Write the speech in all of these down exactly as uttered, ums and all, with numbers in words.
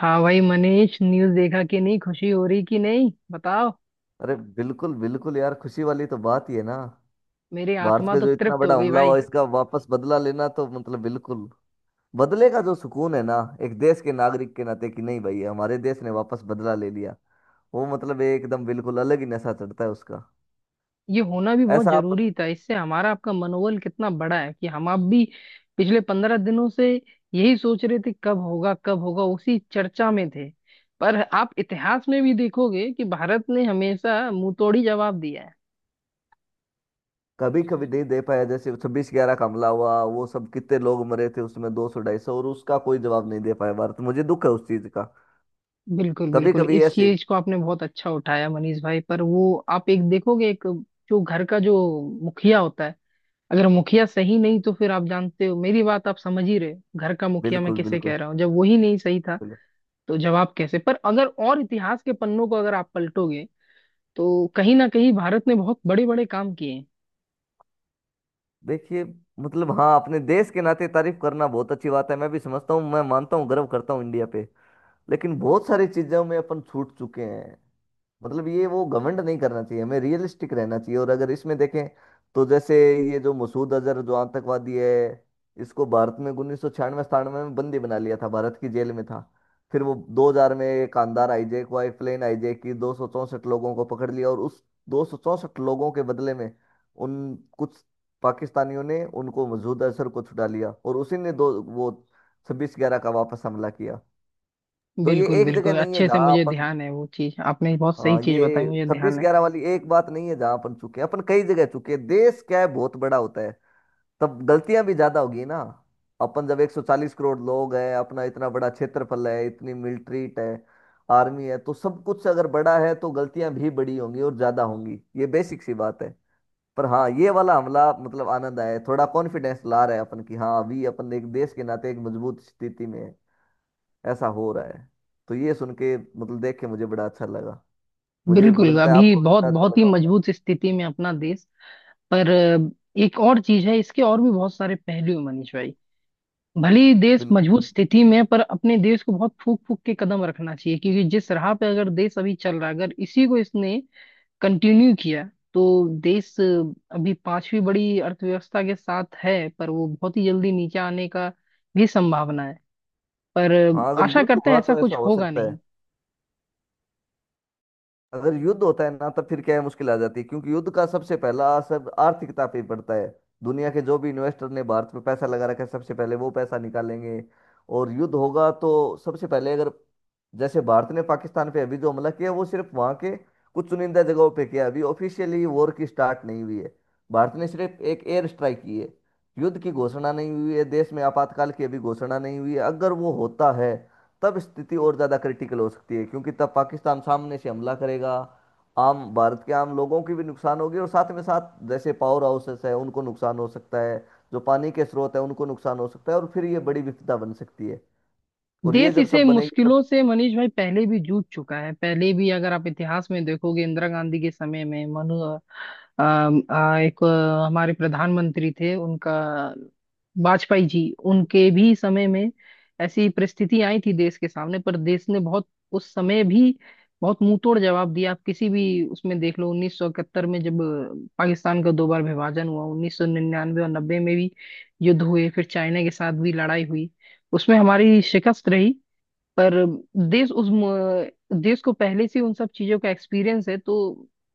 हाँ भाई मनीष, न्यूज़ देखा कि नहीं? खुशी हो रही कि नहीं बताओ। अरे बिल्कुल बिल्कुल यार, खुशी वाली तो बात ही है ना। मेरी भारत आत्मा पे तो जो इतना तृप्त हो बड़ा गई हमला हुआ भाई। इसका वापस बदला लेना तो मतलब बिल्कुल। बदले का जो सुकून है ना, एक देश के नागरिक के नाते कि नहीं भाई, हमारे देश ने वापस बदला ले लिया। वो मतलब एकदम बिल्कुल अलग ही नशा चढ़ता है उसका। ये होना भी बहुत ऐसा आप जरूरी था। इससे हमारा आपका मनोबल कितना बड़ा है कि हम आप भी पिछले पंद्रह दिनों से यही सोच रहे थे कब होगा कब होगा, उसी चर्चा में थे। पर आप इतिहास में भी देखोगे कि भारत ने हमेशा मुंहतोड़ी जवाब दिया है। कभी कभी नहीं दे पाया, जैसे छब्बीस ग्यारह का हमला हुआ वो, सब कितने लोग मरे थे उसमें, दो सौ ढाई सौ, और उसका कोई जवाब नहीं दे पाया भारत। मुझे दुख है उस चीज का। बिल्कुल कभी बिल्कुल, कभी इस ऐसे चीज को आपने बहुत अच्छा उठाया मनीष भाई। पर वो आप एक देखोगे, एक जो घर का जो मुखिया होता है, अगर मुखिया सही नहीं तो फिर आप जानते हो, मेरी बात आप समझ ही रहे हो। घर का मुखिया मैं बिल्कुल किसे बिल्कुल कह रहा हूँ, जब वही नहीं सही था बिल्कुल। तो जवाब कैसे? पर अगर और इतिहास के पन्नों को अगर आप पलटोगे तो कहीं ना कहीं भारत ने बहुत बड़े बड़े काम किए हैं। देखिए, मतलब हाँ, अपने देश के नाते तारीफ करना बहुत अच्छी बात है, मैं भी समझता हूँ, मैं मानता हूँ, गर्व करता हूँ इंडिया पे। लेकिन बहुत सारी चीज़ों में अपन छूट चुके हैं। मतलब ये वो घमंड नहीं करना चाहिए, हमें रियलिस्टिक रहना चाहिए। और अगर इसमें देखें तो जैसे, ये जो मसूद अजहर जो आतंकवादी है, इसको भारत में उन्नीस सौ छियानवे सतानवे में बंदी बना लिया था, भारत की जेल में था। फिर वो दो हज़ार में कांधार हाईजैक हुआ, एक प्लेन हाईजैक की, दो सौ चौंसठ लोगों को पकड़ लिया, और उस दो सौ चौंसठ लोगों के बदले में उन कुछ पाकिस्तानियों ने उनको मसूद अजहर को छुड़ा लिया। और उसी ने दो वो छब्बीस ग्यारह का वापस हमला किया। तो ये बिल्कुल एक जगह बिल्कुल, नहीं है अच्छे से जहां मुझे अपन। ध्यान है। वो चीज आपने बहुत सही हाँ, चीज बताई, ये मुझे छब्बीस ध्यान है। ग्यारह वाली एक बात नहीं है जहां अपन चुके हैं, अपन कई जगह चुके हैं। देश क्या है, बहुत बड़ा होता है, तब गलतियां भी ज्यादा होगी ना। अपन जब एक सौ चालीस करोड़ लोग हैं, अपना इतना बड़ा क्षेत्रफल है, इतनी मिलिट्री है, आर्मी है, तो सब कुछ अगर बड़ा है तो गलतियां भी बड़ी होंगी और ज्यादा होंगी। ये बेसिक सी बात है। पर हाँ, ये वाला हमला मतलब आनंद आया है। थोड़ा कॉन्फिडेंस ला रहा है अपन की हाँ, अभी अपन एक देश के नाते एक मजबूत स्थिति में है, ऐसा हो रहा है। तो ये सुन के मतलब देख के मुझे बड़ा अच्छा लगा। मुझे बिल्कुल, लगता है अभी आपको भी बहुत बड़ा अच्छा बहुत ही लगा होगा। मजबूत स्थिति में अपना देश। पर अ, एक और चीज है, इसके और भी बहुत सारे पहलू हैं, मनीष भाई। भले ही देश बिल्कुल। मजबूत स्थिति में है, पर अपने देश को बहुत फूक फूक के कदम रखना चाहिए, क्योंकि जिस राह पे अगर देश अभी चल रहा है, अगर इसी को इसने कंटिन्यू किया तो देश अभी पांचवी बड़ी अर्थव्यवस्था के साथ है पर वो बहुत ही जल्दी नीचे आने का भी संभावना है। पर हाँ, अगर आशा युद्ध करते हैं हुआ ऐसा तो ऐसा कुछ हो होगा सकता है। नहीं। अगर युद्ध होता है ना तब फिर क्या है, मुश्किल आ जाती है, क्योंकि युद्ध का सबसे पहला असर आर्थिकता पे पड़ता है। दुनिया के जो भी इन्वेस्टर ने भारत में पैसा लगा रखा है सबसे पहले वो पैसा निकालेंगे। और युद्ध होगा तो सबसे पहले, अगर जैसे भारत ने पाकिस्तान पे अभी जो हमला किया वो सिर्फ वहाँ के कुछ चुनिंदा जगहों पे किया, अभी ऑफिशियली वॉर की स्टार्ट नहीं हुई है। भारत ने सिर्फ एक एयर स्ट्राइक की है। युद्ध की घोषणा नहीं हुई है, देश में आपातकाल की अभी घोषणा नहीं हुई है। अगर वो होता है तब स्थिति और ज़्यादा क्रिटिकल हो सकती है, क्योंकि तब पाकिस्तान सामने से हमला करेगा। आम भारत के आम लोगों की भी नुकसान होगी, और साथ में साथ जैसे पावर हाउसेस है उनको नुकसान हो सकता है, जो पानी के स्रोत है उनको नुकसान हो सकता है, और फिर ये बड़ी विपदा बन सकती है। और ये देश जब इसे सब बनेगी तब, मुश्किलों से मनीष भाई पहले भी जूझ चुका है। पहले भी अगर आप इतिहास में देखोगे, इंदिरा गांधी के समय में मनु अम, आ, एक अ, हमारे प्रधानमंत्री थे उनका, वाजपेयी जी, उनके भी समय में ऐसी परिस्थिति आई थी देश के सामने, पर देश ने बहुत उस समय भी बहुत मुंहतोड़ जवाब दिया। आप किसी भी उसमें देख लो, उन्नीस सौ इकहत्तर में जब अ, पाकिस्तान का दो बार विभाजन हुआ, उन्नीस सौ निन्यानवे और नब्बे में भी युद्ध हुए, फिर चाइना के साथ भी लड़ाई हुई, उसमें हमारी शिकस्त रही। पर देश उस म- देश को पहले से उन सब चीजों का एक्सपीरियंस है। तो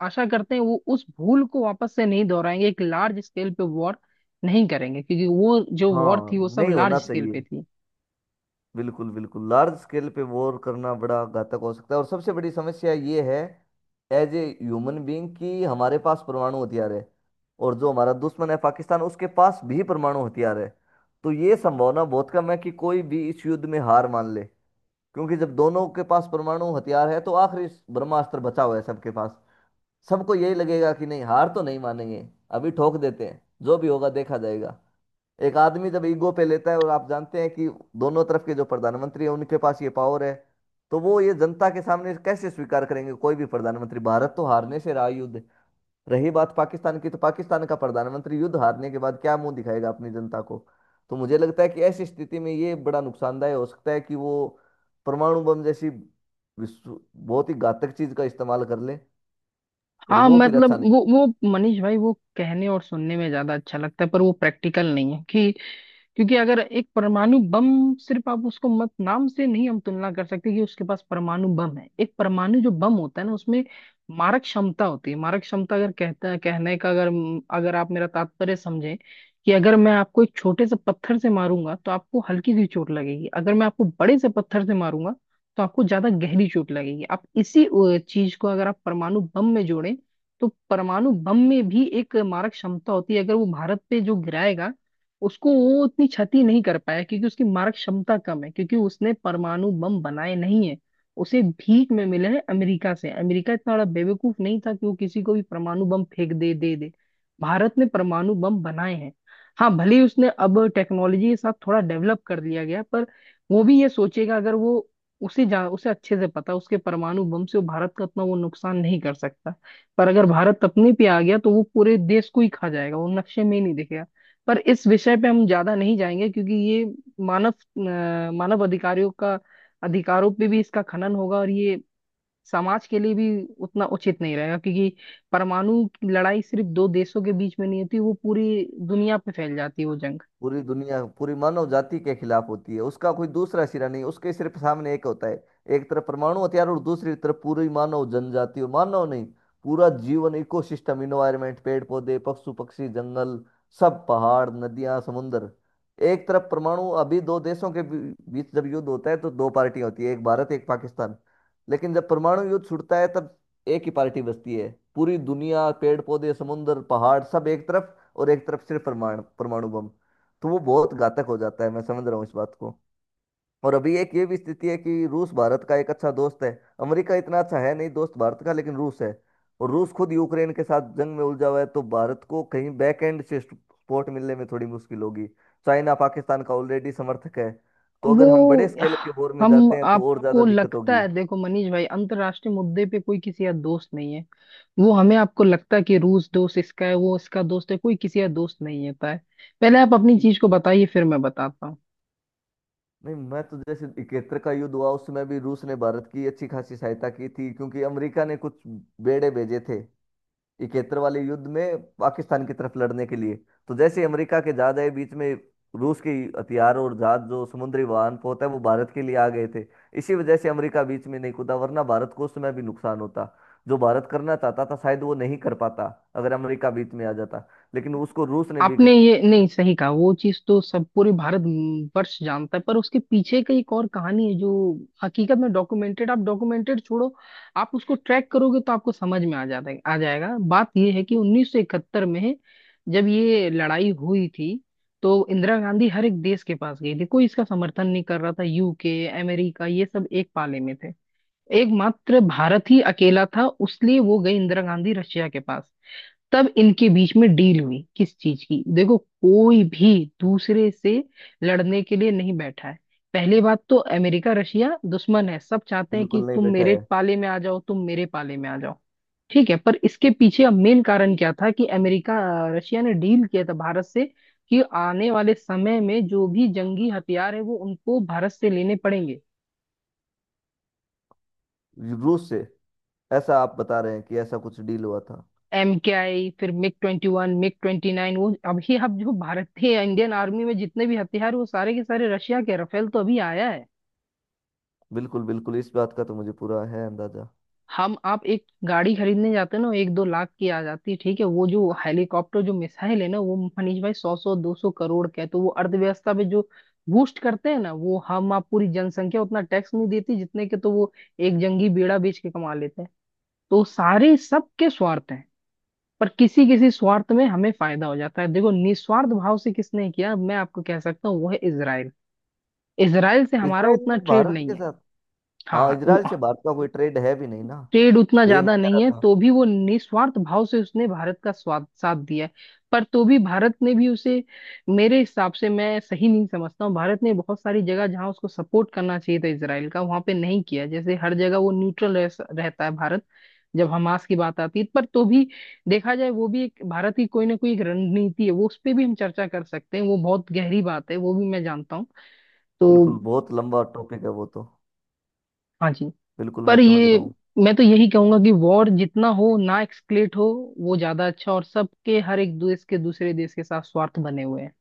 आशा करते हैं वो उस भूल को वापस से नहीं दोहराएंगे, एक लार्ज स्केल पे वॉर नहीं करेंगे, क्योंकि वो जो वॉर हाँ थी वो सब नहीं होना लार्ज स्केल पे चाहिए। थी। बिल्कुल बिल्कुल, लार्ज स्केल पे वॉर करना बड़ा घातक हो सकता है, और सबसे बड़ी समस्या ये है, एज ए ह्यूमन बीइंग, कि हमारे पास परमाणु हथियार है, और जो हमारा दुश्मन है पाकिस्तान उसके पास भी परमाणु हथियार है। तो ये संभावना बहुत कम है कि कोई भी इस युद्ध में हार मान ले, क्योंकि जब दोनों के पास परमाणु हथियार है तो आखिरी ब्रह्मास्त्र बचा हुआ है सबके पास। सबको यही लगेगा कि नहीं, हार तो नहीं मानेंगे, अभी ठोक देते हैं, जो भी होगा देखा जाएगा। एक आदमी जब ईगो पे लेता है, और आप जानते हैं कि दोनों तरफ के जो प्रधानमंत्री हैं उनके पास ये पावर है, तो वो ये जनता के सामने कैसे स्वीकार करेंगे। कोई भी प्रधानमंत्री, भारत तो हारने से रहा युद्ध। रही बात पाकिस्तान की, तो पाकिस्तान का प्रधानमंत्री युद्ध हारने के बाद क्या मुंह दिखाएगा अपनी जनता को। तो मुझे लगता है कि ऐसी स्थिति में ये बड़ा नुकसानदायक हो सकता है कि वो परमाणु बम जैसी विश्व- बहुत ही घातक चीज का इस्तेमाल कर ले। और हाँ वो फिर मतलब अच्छा वो नहीं। वो मनीष भाई, वो कहने और सुनने में ज्यादा अच्छा लगता है पर वो प्रैक्टिकल नहीं है। कि क्योंकि अगर एक परमाणु बम, सिर्फ आप उसको मत नाम से नहीं हम तुलना कर सकते कि उसके पास परमाणु बम है। एक परमाणु जो बम होता है ना, उसमें मारक क्षमता होती है। मारक क्षमता, अगर कहता कहने का, अगर अगर आप मेरा तात्पर्य समझें, कि अगर मैं आपको एक छोटे से पत्थर से मारूंगा तो आपको हल्की सी चोट लगेगी, अगर मैं आपको बड़े से पत्थर से मारूंगा तो आपको ज्यादा गहरी चोट लगेगी। आप इसी अ, चीज को अगर आप परमाणु बम में जोड़ें तो परमाणु बम में भी एक मारक क्षमता होती है। अगर वो भारत पे जो गिराएगा, उसको वो उतनी क्षति नहीं कर पाया, क्योंकि उसकी मारक क्षमता कम है, क्योंकि उसने परमाणु बम बनाए नहीं है, उसे भीख में मिले हैं अमेरिका से। अमेरिका इतना बड़ा बेवकूफ नहीं था कि वो किसी को भी परमाणु बम फेंक दे दे दे। भारत ने परमाणु बम बनाए हैं। हाँ भले ही उसने अब टेक्नोलॉजी के साथ थोड़ा डेवलप कर लिया गया, पर वो भी ये सोचेगा। अगर वो, उसे जा उसे अच्छे से पता, उसके परमाणु बम से वो भारत का इतना वो नुकसान नहीं कर सकता। पर अगर भारत अपने पे आ गया तो वो पूरे देश को ही खा जाएगा, वो नक्शे में ही नहीं दिखेगा। पर इस विषय पे हम ज्यादा नहीं जाएंगे, क्योंकि ये मानव अ, मानव अधिकारियों का अधिकारों पे भी इसका खनन होगा और ये समाज के लिए भी उतना उचित नहीं रहेगा, क्योंकि परमाणु की लड़ाई सिर्फ दो देशों के बीच में नहीं होती, वो पूरी दुनिया पे फैल जाती है वो जंग। पूरी दुनिया पूरी मानव जाति के खिलाफ होती है। उसका कोई दूसरा सिरा नहीं, उसके सिर्फ सामने एक होता है, एक तरफ परमाणु हथियार और दूसरी तरफ पूरी मानव जनजाति। और मानव नहीं, पूरा जीवन, इकोसिस्टम, इन्वायरमेंट, पेड़ पौधे, पशु पक्षी, जंगल, सब, पहाड़, नदियां, समुंदर। एक तरफ परमाणु, अभी दो देशों के बी- बीच जब युद्ध होता है तो दो पार्टियां होती है, एक भारत एक पाकिस्तान। लेकिन जब परमाणु युद्ध छूटता है तब एक ही पार्टी बचती है, पूरी दुनिया, पेड़ पौधे, समुंदर, पहाड़, सब एक तरफ और एक तरफ सिर्फ परमाणु, परमाणु बम। तो वो बहुत घातक हो जाता है। मैं समझ रहा हूँ इस बात को। और अभी एक ये भी स्थिति है कि रूस भारत का एक अच्छा दोस्त है। अमेरिका इतना अच्छा है नहीं दोस्त भारत का, लेकिन रूस है। और रूस खुद यूक्रेन के साथ जंग में उलझा हुआ है, तो भारत को कहीं बैक एंड से सपोर्ट मिलने में थोड़ी मुश्किल होगी। चाइना पाकिस्तान का ऑलरेडी समर्थक है। तो वो, अगर हम बड़े स्केल के वॉर में हम जाते हैं तो और ज्यादा आपको दिक्कत लगता होगी। है देखो मनीष भाई, अंतर्राष्ट्रीय मुद्दे पे कोई किसी का दोस्त नहीं है। वो हमें आपको लगता है कि रूस दोस्त इसका है, वो इसका दोस्त है, कोई किसी का दोस्त नहीं होता है। पहले आप अपनी चीज को बताइए फिर मैं बताता हूँ। नहीं, मैं तो जैसे इकहत्तर का युद्ध हुआ उसमें भी रूस ने भारत की अच्छी खासी सहायता की थी, क्योंकि अमेरिका ने कुछ बेड़े भेजे थे इकहत्तर वाले युद्ध में पाकिस्तान की तरफ लड़ने के लिए। तो जैसे अमेरिका के जहाज आए बीच में, रूस के हथियार और जहाज, जो समुद्री वाहन होता है, वो भारत के लिए आ गए थे। इसी वजह से अमेरिका बीच में नहीं कूदा, वरना भारत को उस समय भी नुकसान होता। जो भारत करना चाहता था शायद वो नहीं कर पाता अगर अमेरिका बीच में आ जाता। लेकिन उसको रूस ने भी, आपने ये नहीं सही कहा, वो चीज तो सब पूरे भारत वर्ष जानता है, पर उसके पीछे का एक और कहानी है जो हकीकत में डॉक्यूमेंटेड, आप डॉक्यूमेंटेड छोड़ो, आप उसको ट्रैक करोगे तो आपको समझ में आ जाता है, आ जाएगा। बात ये है कि उन्नीस सौ इकहत्तर में जब ये लड़ाई हुई थी, तो इंदिरा गांधी हर एक देश के पास गई थी, कोई इसका समर्थन नहीं कर रहा था, यूके अमेरिका ये सब एक पाले में थे, एकमात्र भारत ही अकेला था। उसलिए वो गई इंदिरा गांधी रशिया के पास, तब इनके बीच में डील हुई किस चीज की। देखो, कोई भी दूसरे से लड़ने के लिए नहीं बैठा है। पहली बात तो अमेरिका रशिया दुश्मन है, सब चाहते हैं कि बिल्कुल नहीं तुम बैठा मेरे है। पाले में आ जाओ, तुम मेरे पाले में आ जाओ। ठीक है, पर इसके पीछे अब मेन कारण क्या था कि अमेरिका, अ, रशिया ने डील किया था भारत से, कि आने वाले समय में जो भी जंगी हथियार है वो उनको भारत से लेने पड़ेंगे। रूस से ऐसा आप बता रहे हैं कि ऐसा कुछ डील हुआ था? एम के आई, फिर MiG twenty one, MiG twenty nine, वो अभी अब जो भारत के इंडियन आर्मी में जितने भी हथियार, वो सारे के सारे रशिया के। राफेल तो अभी आया है। बिल्कुल बिल्कुल, इस बात का तो मुझे पूरा है अंदाजा। हम आप एक गाड़ी खरीदने जाते हैं ना, एक दो लाख की आ जाती है ठीक है, वो जो हेलीकॉप्टर जो मिसाइल है ना, वो मनीष भाई सौ सौ दो सौ करोड़ का है। तो वो अर्थव्यवस्था पे जो बूस्ट करते हैं ना, वो हम आप पूरी जनसंख्या उतना टैक्स नहीं देती जितने के, तो वो एक जंगी बेड़ा बेच के कमा लेते हैं। तो सारे सबके स्वार्थ हैं, पर किसी किसी स्वार्थ में हमें फायदा हो जाता है। देखो, निस्वार्थ भाव से किसने किया मैं आपको कह सकता हूँ, वो है इसराइल। इसराइल से हमारा इसराइल उतना ने ट्रेड भारत नहीं के है। साथ, हाँ हाँ, वो- इसराइल से भारत का कोई ट्रेड है भी नहीं ना। ट्रेड उतना यही ज्यादा मैं कह रहा नहीं है, था। तो भी वो निस्वार्थ भाव से उसने भारत का स्वाद साथ दिया है। पर तो भी भारत ने भी उसे, मेरे हिसाब से मैं सही नहीं समझता हूँ, भारत ने बहुत सारी जगह जहाँ उसको सपोर्ट करना चाहिए था इसराइल का, वहां पे नहीं किया। जैसे हर जगह वो न्यूट्रल रह, रहता है भारत, जब हमास की बात आती है। पर तो भी देखा जाए वो भी एक भारत की कोई ना कोई एक रणनीति है, वो उस पर भी हम चर्चा कर सकते हैं। वो बहुत गहरी बात है, वो भी मैं जानता हूँ बिल्कुल, तो। बहुत लंबा टॉपिक है वो तो। हाँ जी। बिल्कुल मैं पर समझ ये रहा हूँ। मैं तो यही कहूंगा कि वॉर जितना हो ना एक्सक्लेट हो, वो ज्यादा अच्छा। और सबके, हर एक देश के दूसरे देश के साथ स्वार्थ बने हुए हैं।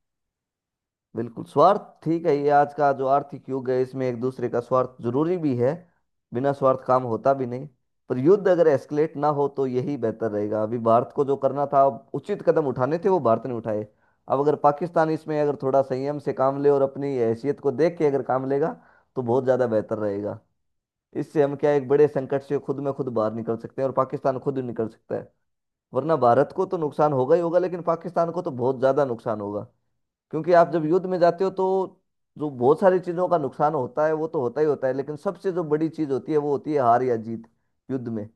बिल्कुल, स्वार्थ ठीक है। ये आज का जो आर्थिक युग है इसमें एक दूसरे का स्वार्थ जरूरी भी है। बिना स्वार्थ काम होता भी नहीं। पर युद्ध अगर एस्केलेट ना हो तो यही बेहतर रहेगा। अभी भारत को जो करना था, अब उचित कदम उठाने थे वो भारत ने उठाए। अब अगर पाकिस्तान इसमें अगर थोड़ा संयम से काम ले और अपनी हैसियत को देख के अगर काम लेगा तो बहुत ज़्यादा बेहतर रहेगा। इससे हम क्या है, एक बड़े संकट से खुद में खुद बाहर निकल सकते हैं और पाकिस्तान खुद ही निकल सकता है। वरना भारत को तो नुकसान होगा ही होगा, लेकिन पाकिस्तान को तो बहुत ज़्यादा नुकसान होगा। क्योंकि आप जब युद्ध में जाते हो तो जो बहुत सारी चीज़ों का नुकसान होता है वो तो होता ही होता है, लेकिन सबसे जो बड़ी चीज़ होती है वो होती है हार या जीत, युद्ध में।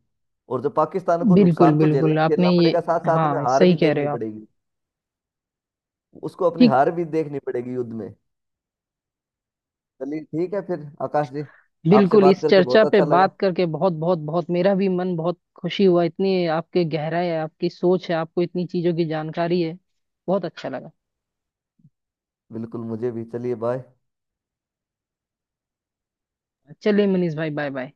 और जो पाकिस्तान को बिल्कुल नुकसान तो झेलना बिल्कुल, ही झेलना आपने ये, पड़ेगा, साथ साथ में हाँ हार सही भी कह रहे देखनी हो आप। पड़ेगी। उसको अपनी ठीक। हार भी देखनी पड़ेगी युद्ध में। चलिए ठीक है फिर आकाश जी, आपसे बिल्कुल, बात इस करके चर्चा बहुत पे अच्छा बात लगा। करके बहुत बहुत बहुत मेरा भी मन बहुत खुशी हुआ। इतनी आपके गहराई है, आपकी सोच है, आपको इतनी चीजों की जानकारी है। बहुत अच्छा लगा। बिल्कुल मुझे भी। चलिए बाय। चलिए मनीष भाई, बाय बाय।